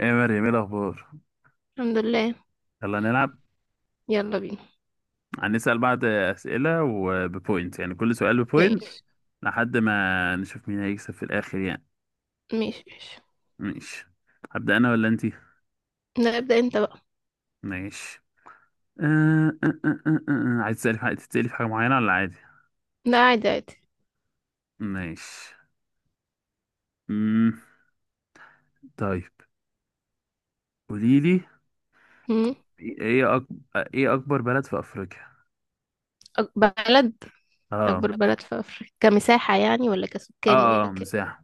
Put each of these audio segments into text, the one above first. ايه يا مريم، ايه الاخبار؟ الحمد لله. يلا نلعب. يلا بينا. هنسال بعض اسئله وببوينت، يعني كل سؤال ببوينت ماشي، لحد ما نشوف مين هيكسب في الاخر يعني. ماشي، ماشي. ماشي. هبدا انا ولا انتي؟ لا، ابدأ انت بقى. ماشي. أه أه أه أه أه. آه. عايز تسالي في حاجه معينه ولا عادي؟ لا، عادي، عادي. ماشي. امم طيب، قولي لي. مم. ايه أكبر ايه اكبر بلد في افريقيا؟ أك- بلد اه أكبر اوكي. بلد في أفريقيا، كمساحة يعني ولا كسكان ولا ك، مساحه.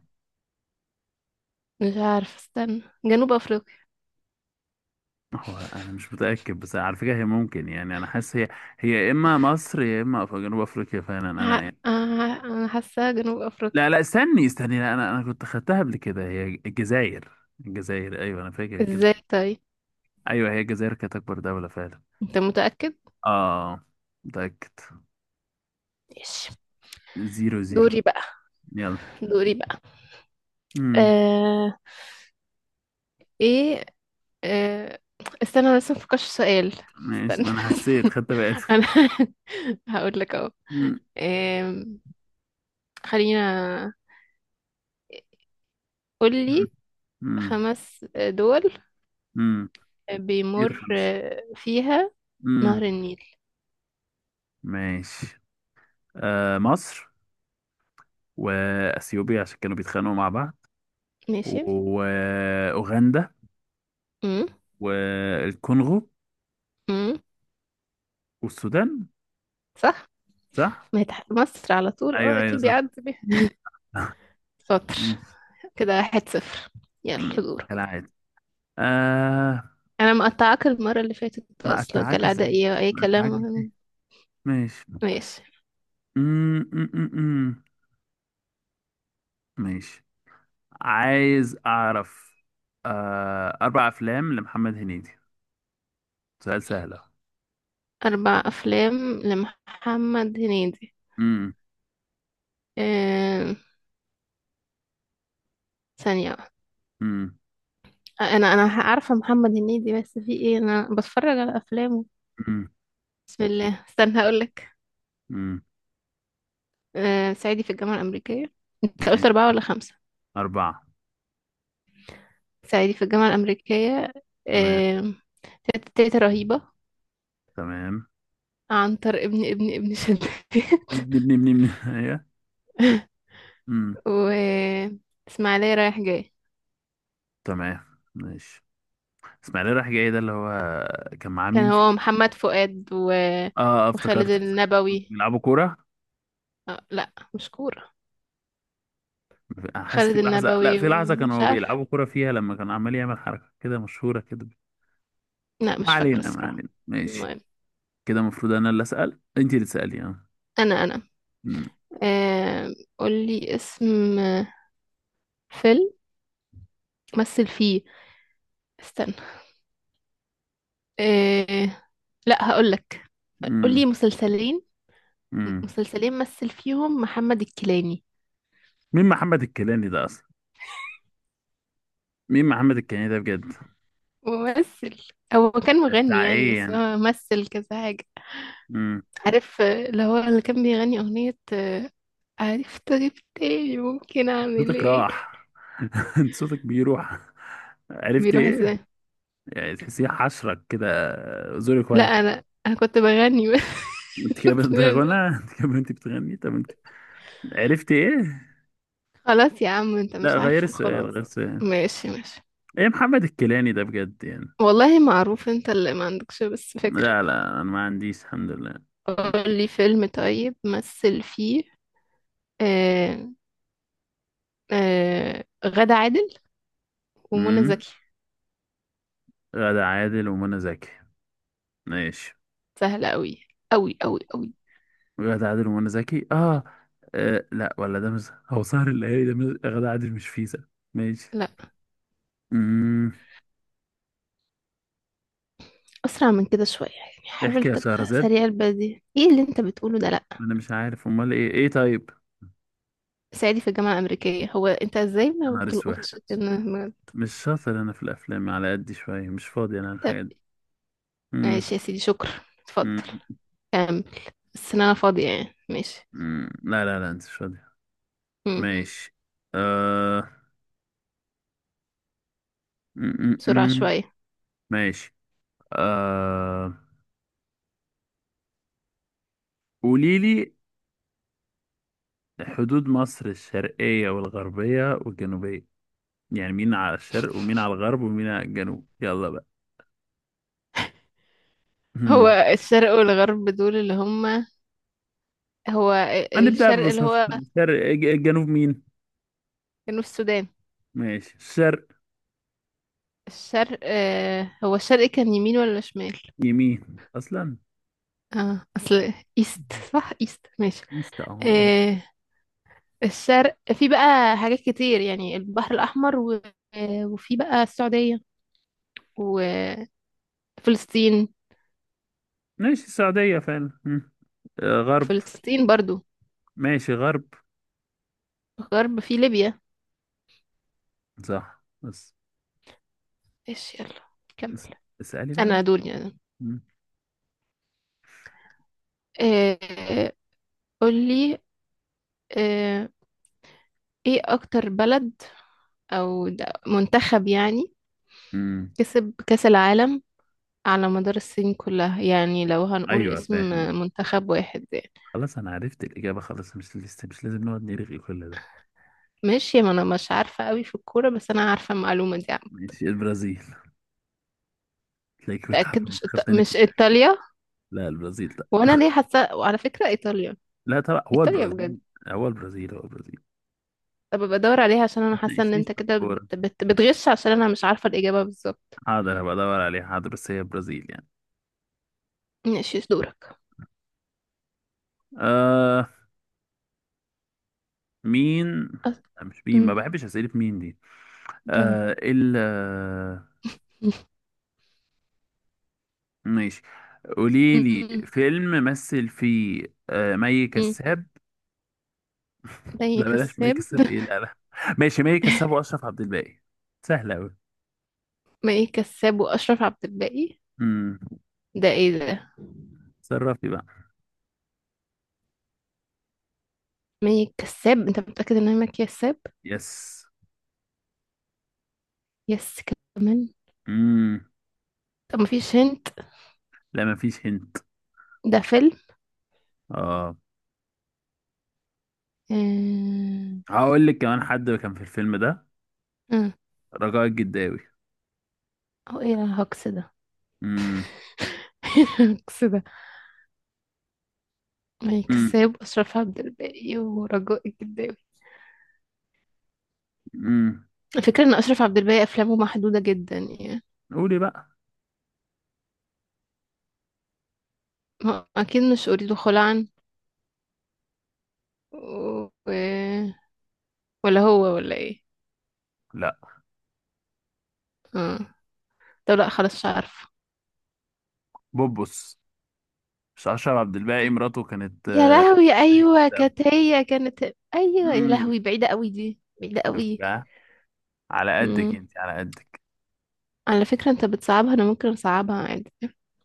مش عارفة، استنى، جنوب أفريقيا. هو انا مش متاكد، بس على فكره هي ممكن، يعني انا حاسس هي يا اما مصر يا اما جنوب افريقيا، فعلا ه... انا يعني. آه، أنا حاسة جنوب أفريقيا. لا، لا، استني استني، لا انا كنت خدتها قبل كده، هي الجزائر. الجزائر، ايوه انا فاكر ازاي الجزائر. طيب؟ ايوه هي الجزائر كانت اكبر دولة فعلا. انت متأكد؟ اه، متأكد. ماشي. 0-0. دوري بقى، يلا. دوري بقى. امم آه... ايه؟ آه... استنى، أنا لسه مفكرش في سؤال. ماشي، استنى ما انا حسيت خدت بالي. انا هقول لك اهو. امم آم، خلينا، قولي امم خمس دول امم كتير، بيمر خمسة. فيها امم نهر النيل. ماشي. آه، مصر. واثيوبيا عشان كانوا بيتخانقوا مع بعض. ماشي. واوغندا. امم. والكونغو. امم. والسودان. صح. صح. ما هي تحت مصر على طول، اه ايوه، ايوه، اكيد صح. بيعدي بيها. شاطر. كده 1-0. مم. يلا دورك. كالعادة. آه. انا مقطعاك المرة اللي فاتت ما اصلا، قطعك كالعادة ازاي؟ ايه اي ما قطعك كلام. ازاي؟ ماشي. ماشي. مم، مم، مم، مم. ماشي، عايز اعرف. اربع افلام لمحمد هنيدي. سؤال سهل أهو. اربع افلام لمحمد هنيدي. مم، أم... ثانية واحدة. مم، انا عارفة محمد هنيدي، بس في ايه انا بتفرج على افلامه؟ مم، بسم الله، استنى هقولك. مم. صعيدي في الجامعة الأمريكية. انت قلت ماشي. أربعة ولا خمسة؟ اربعة. صعيدي في الجامعة الأمريكية. تمام. آه، تيتا تيتا رهيبة. تمام. عنتر ابن ابن ابن شداد. ابني ابني ابني ابني ايوه. مم، و إسماعيلية رايح جاي. تمام. ماشي، اسماعيل رايح جاي ده اللي هو، كان معاه كان مين فيه؟ هو محمد فؤاد و... وخالد افتكرت. النبوي. بيلعبوا كورة. لا مش كورة. حاسس في خالد لحظة، لا، النبوي في لحظة ومش كانوا عارف. بيلعبوا كرة فيها لما كان عمال يعمل حركة كده مشهورة كده. لا ما مش فاكرة علينا، ما الصراحة. علينا، ماشي. المهم. كده المفروض أنا اللي أسأل، أنت اللي تسألي أنا. مم. قولي اسم فيلم مثل فيه. استنى. آه، لا هقولك. مم. قولي مسلسلين. مم. مسلسلين مثل فيهم محمد الكيلاني. مين محمد الكيلاني ده أصلا؟ مين محمد الكيلاني ده بجد؟ ممثل. هو كان ده مغني بتاع يعني، إيه بس يعني؟ هو مثل كذا حاجة. مم. عارف؟ اللي هو اللي كان بيغني أغنية. عرفت غيب تاني، ممكن أعمل صوتك إيه؟ راح. أنت صوتك بيروح. عرفت بيروح إيه؟ إزاي؟ يعني تحسيه حشرك كده، زورك لا واجعك. أنا كنت بغني بس. أنت كده بتغنى، أنت كده، أنت بتغني، طب أنت؟ عرفت إيه؟ خلاص يا عم، أنت لا، مش غير عارفه، السؤال، غير خلاص. السؤال. ماشي، ماشي. ايه محمد الكيلاني ده بجد يعني؟ والله معروف، أنت اللي ما عندكش بس فكرة. لا، لا، انا ما عنديش، الحمد لله. امم قولي فيلم طيب مثل فيه. آه، غادة عادل ومنى مم. زكي. غادة عادل ومنى زكي. ماشي، سهلة قوي، قوي قوي قوي. غادة عادل ومنى زكي. آه. اه لا، ولا ده مش، هو سهر الليالي ده مش... غادة عادل مش فيزا. ماشي. لا. امم أسرع من كده شوية يعني، حاول احكي يا تبقى شهرزاد. سريع البديهة، ايه اللي انت بتقوله ده؟ لا. انا مش عارف، امال ايه طيب؟ صعيدي في الجامعة الأمريكية، هو انت ازاي يا ما نهار اسود، بتلقطش مش شاطر انا في الافلام، على قد شويه مش فاضي انا طب؟ الحاجات دي. امم ماشي يا سيدي، شكرا. اتفضل، أمم، كمل، بس إن انا فاضية يعني. ماشي. أمم. لا، لا، لا، انت مش فاضي. مم. ماشي. آه. أمم، أمم، بسرعة أمم. شوية. ماشي. آه... قولي لي حدود مصر الشرقية والغربية والجنوبية، يعني مين على الشرق ومين على الغرب ومين على الجنوب؟ يلا بقى. هو هم. الشرق والغرب، دول اللي هما هو هنبدأ الشرق اللي ببساطة، هو الشرق، الجنوب مين؟ جنوب السودان. ماشي، الشرق. الشرق، هو الشرق كان يمين ولا شمال؟ يمين أصلا. اه اصل ايست. صح، ايست، ماشي. ايست اهو. أهو. آه الشرق في بقى حاجات كتير يعني، البحر الاحمر و... وفي بقى السعوديه وفلسطين. ماشي، السعودية فعلا. هم. غرب. فلسطين برضو. ماشي، غرب. الغرب في ليبيا. صح، بس. ايش يلا بس- كمل، اسألي بقى. انا دول يعني. هم. آه قولي. آه ايه اكتر بلد او منتخب يعني هم. كسب كاس العالم على مدار السنين كلها، يعني لو هنقول ايوه، اسم فاهم. منتخب واحد يعني. خلاص انا عرفت الإجابة، خلاص مش لسه، مش لازم نقعد نرغي كل ده. ماشي، ما انا مش عارفه قوي في الكوره، بس انا عارفه المعلومه دي يعني. ماشي، البرازيل. تلاقيك بتحب متاكد؟ منتخب تاني مش ايطاليا؟ لا، البرازيل، لا. وانا ليه حاسه، وعلى فكره ايطاليا. لا طبعا، هو ايطاليا بجد؟ البرازيل. هو البرازيل، هو البرازيل. طب بدور عليها عشان انا ما حاسه ان تناقشنيش انت في كده الكورة. بتغش، عشان انا مش عارفه الاجابه بالظبط. حاضر، هبقى ادور عليه، حاضر، بس هي البرازيل يعني. ماشي، دورك. آه مين؟ أص- لا مش مين، ما أمم، بحبش اسئلة مين دي. ده. آه ال آه، ماشي، قولي لي أمم، فيلم مثل فيه مي أمم. كساب. مي لا بلاش مي كساب. كساب، ايه لا لا. ماشي، مي كساب واشرف عبد الباقي. سهلة اوي. مي كساب واشرف عبد الباقي. امم ده ايه ده؟ تصرفي بقى. مي كساب؟ انت متاكد ان هي مي كساب؟ يس. يس. كمان. امم طب مفيش هنت. لا، مفيش هنت. ده فيلم. اه آه، هقول لك كمان حد كان في الفيلم ده. امم. رجاء الجداوي. هو ايه الهجص ده؟ امم إيه الهجص ده؟ امم كساب، اشرف عبد الباقي، ورجاء الجداوي. امم الفكره ان اشرف عبد الباقي افلامه محدوده جدا يعني. قولي بقى. اكيد مش اريد خلعا. و... ولا هو ولا ايه. لا، اه. طب لا خلاص، مش عارفه. بوبوس. مش اشرف عبد الباقي مراته كانت يا لهوي ايوه كانت، هي كانت. ايوه يا امم لهوي، بعيده قوي، دي بعيده شفت قوي. بقى؟ على قدك امم. انت، على قدك. على فكره انت بتصعبها، انا ممكن اصعبها عادي.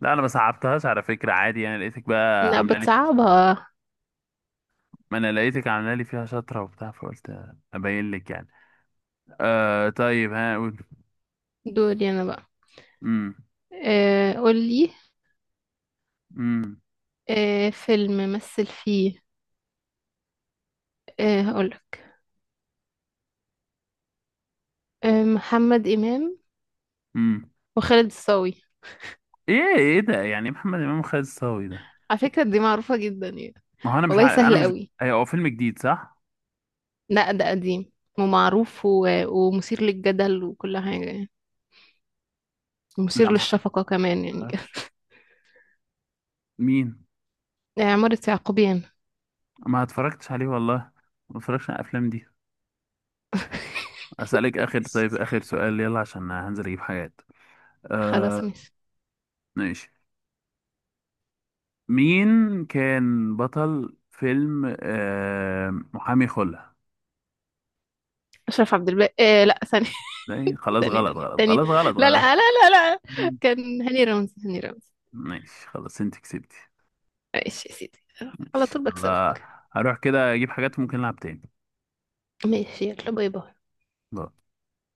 لا انا ما صعبتهاش، على فكره عادي يعني، لقيتك بقى لا، عامله لي فيها شطره. بتصعبها. ما انا لقيتك عامله لي فيها شطره وبتاع، فقلت ابين لك يعني. طيب، ها قول. دوري انا بقى. امم قولي. امم فيلم مثل فيه. هقولك. محمد إمام امم وخالد الصاوي. ايه ده يعني؟ محمد امام خالد الصاوي ده؟ على فكرة دي معروفة جدا يعني. ما هو والله انا سهل مش عارفه. قوي. ايوه هو فيلم جديد، صح؟ لا ده قديم ومعروف و... ومثير للجدل وكل حاجة يعني. لا ما ومثير مش عارف- للشفقة كمان ما يعني كده. اعرفش مين. عمارة يعقوبيان. ما اتفرجتش عليه والله، ما اتفرجتش على الافلام دي. اسالك اخر طيب، اخر سؤال يلا، عشان هنزل اجيب حاجات. خلاص، آه ماشي. ماشي. مين كان بطل فيلم محامي خلع؟ أشرف عبد الباقي لا، ثانية. خلاص ثانية، غلط غلط، تاني. خلاص غلط لا، غلط. لا، لا. لا. لا. كان هاني رمزي، هاني رمزي. ماشي، خلاص انت كسبتي. ماشي يا سيدي. على ماشي، طول يلا. بكسبك. هروح كده اجيب حاجات، ممكن نلعب تاني. ماشي، يلا، باي باي.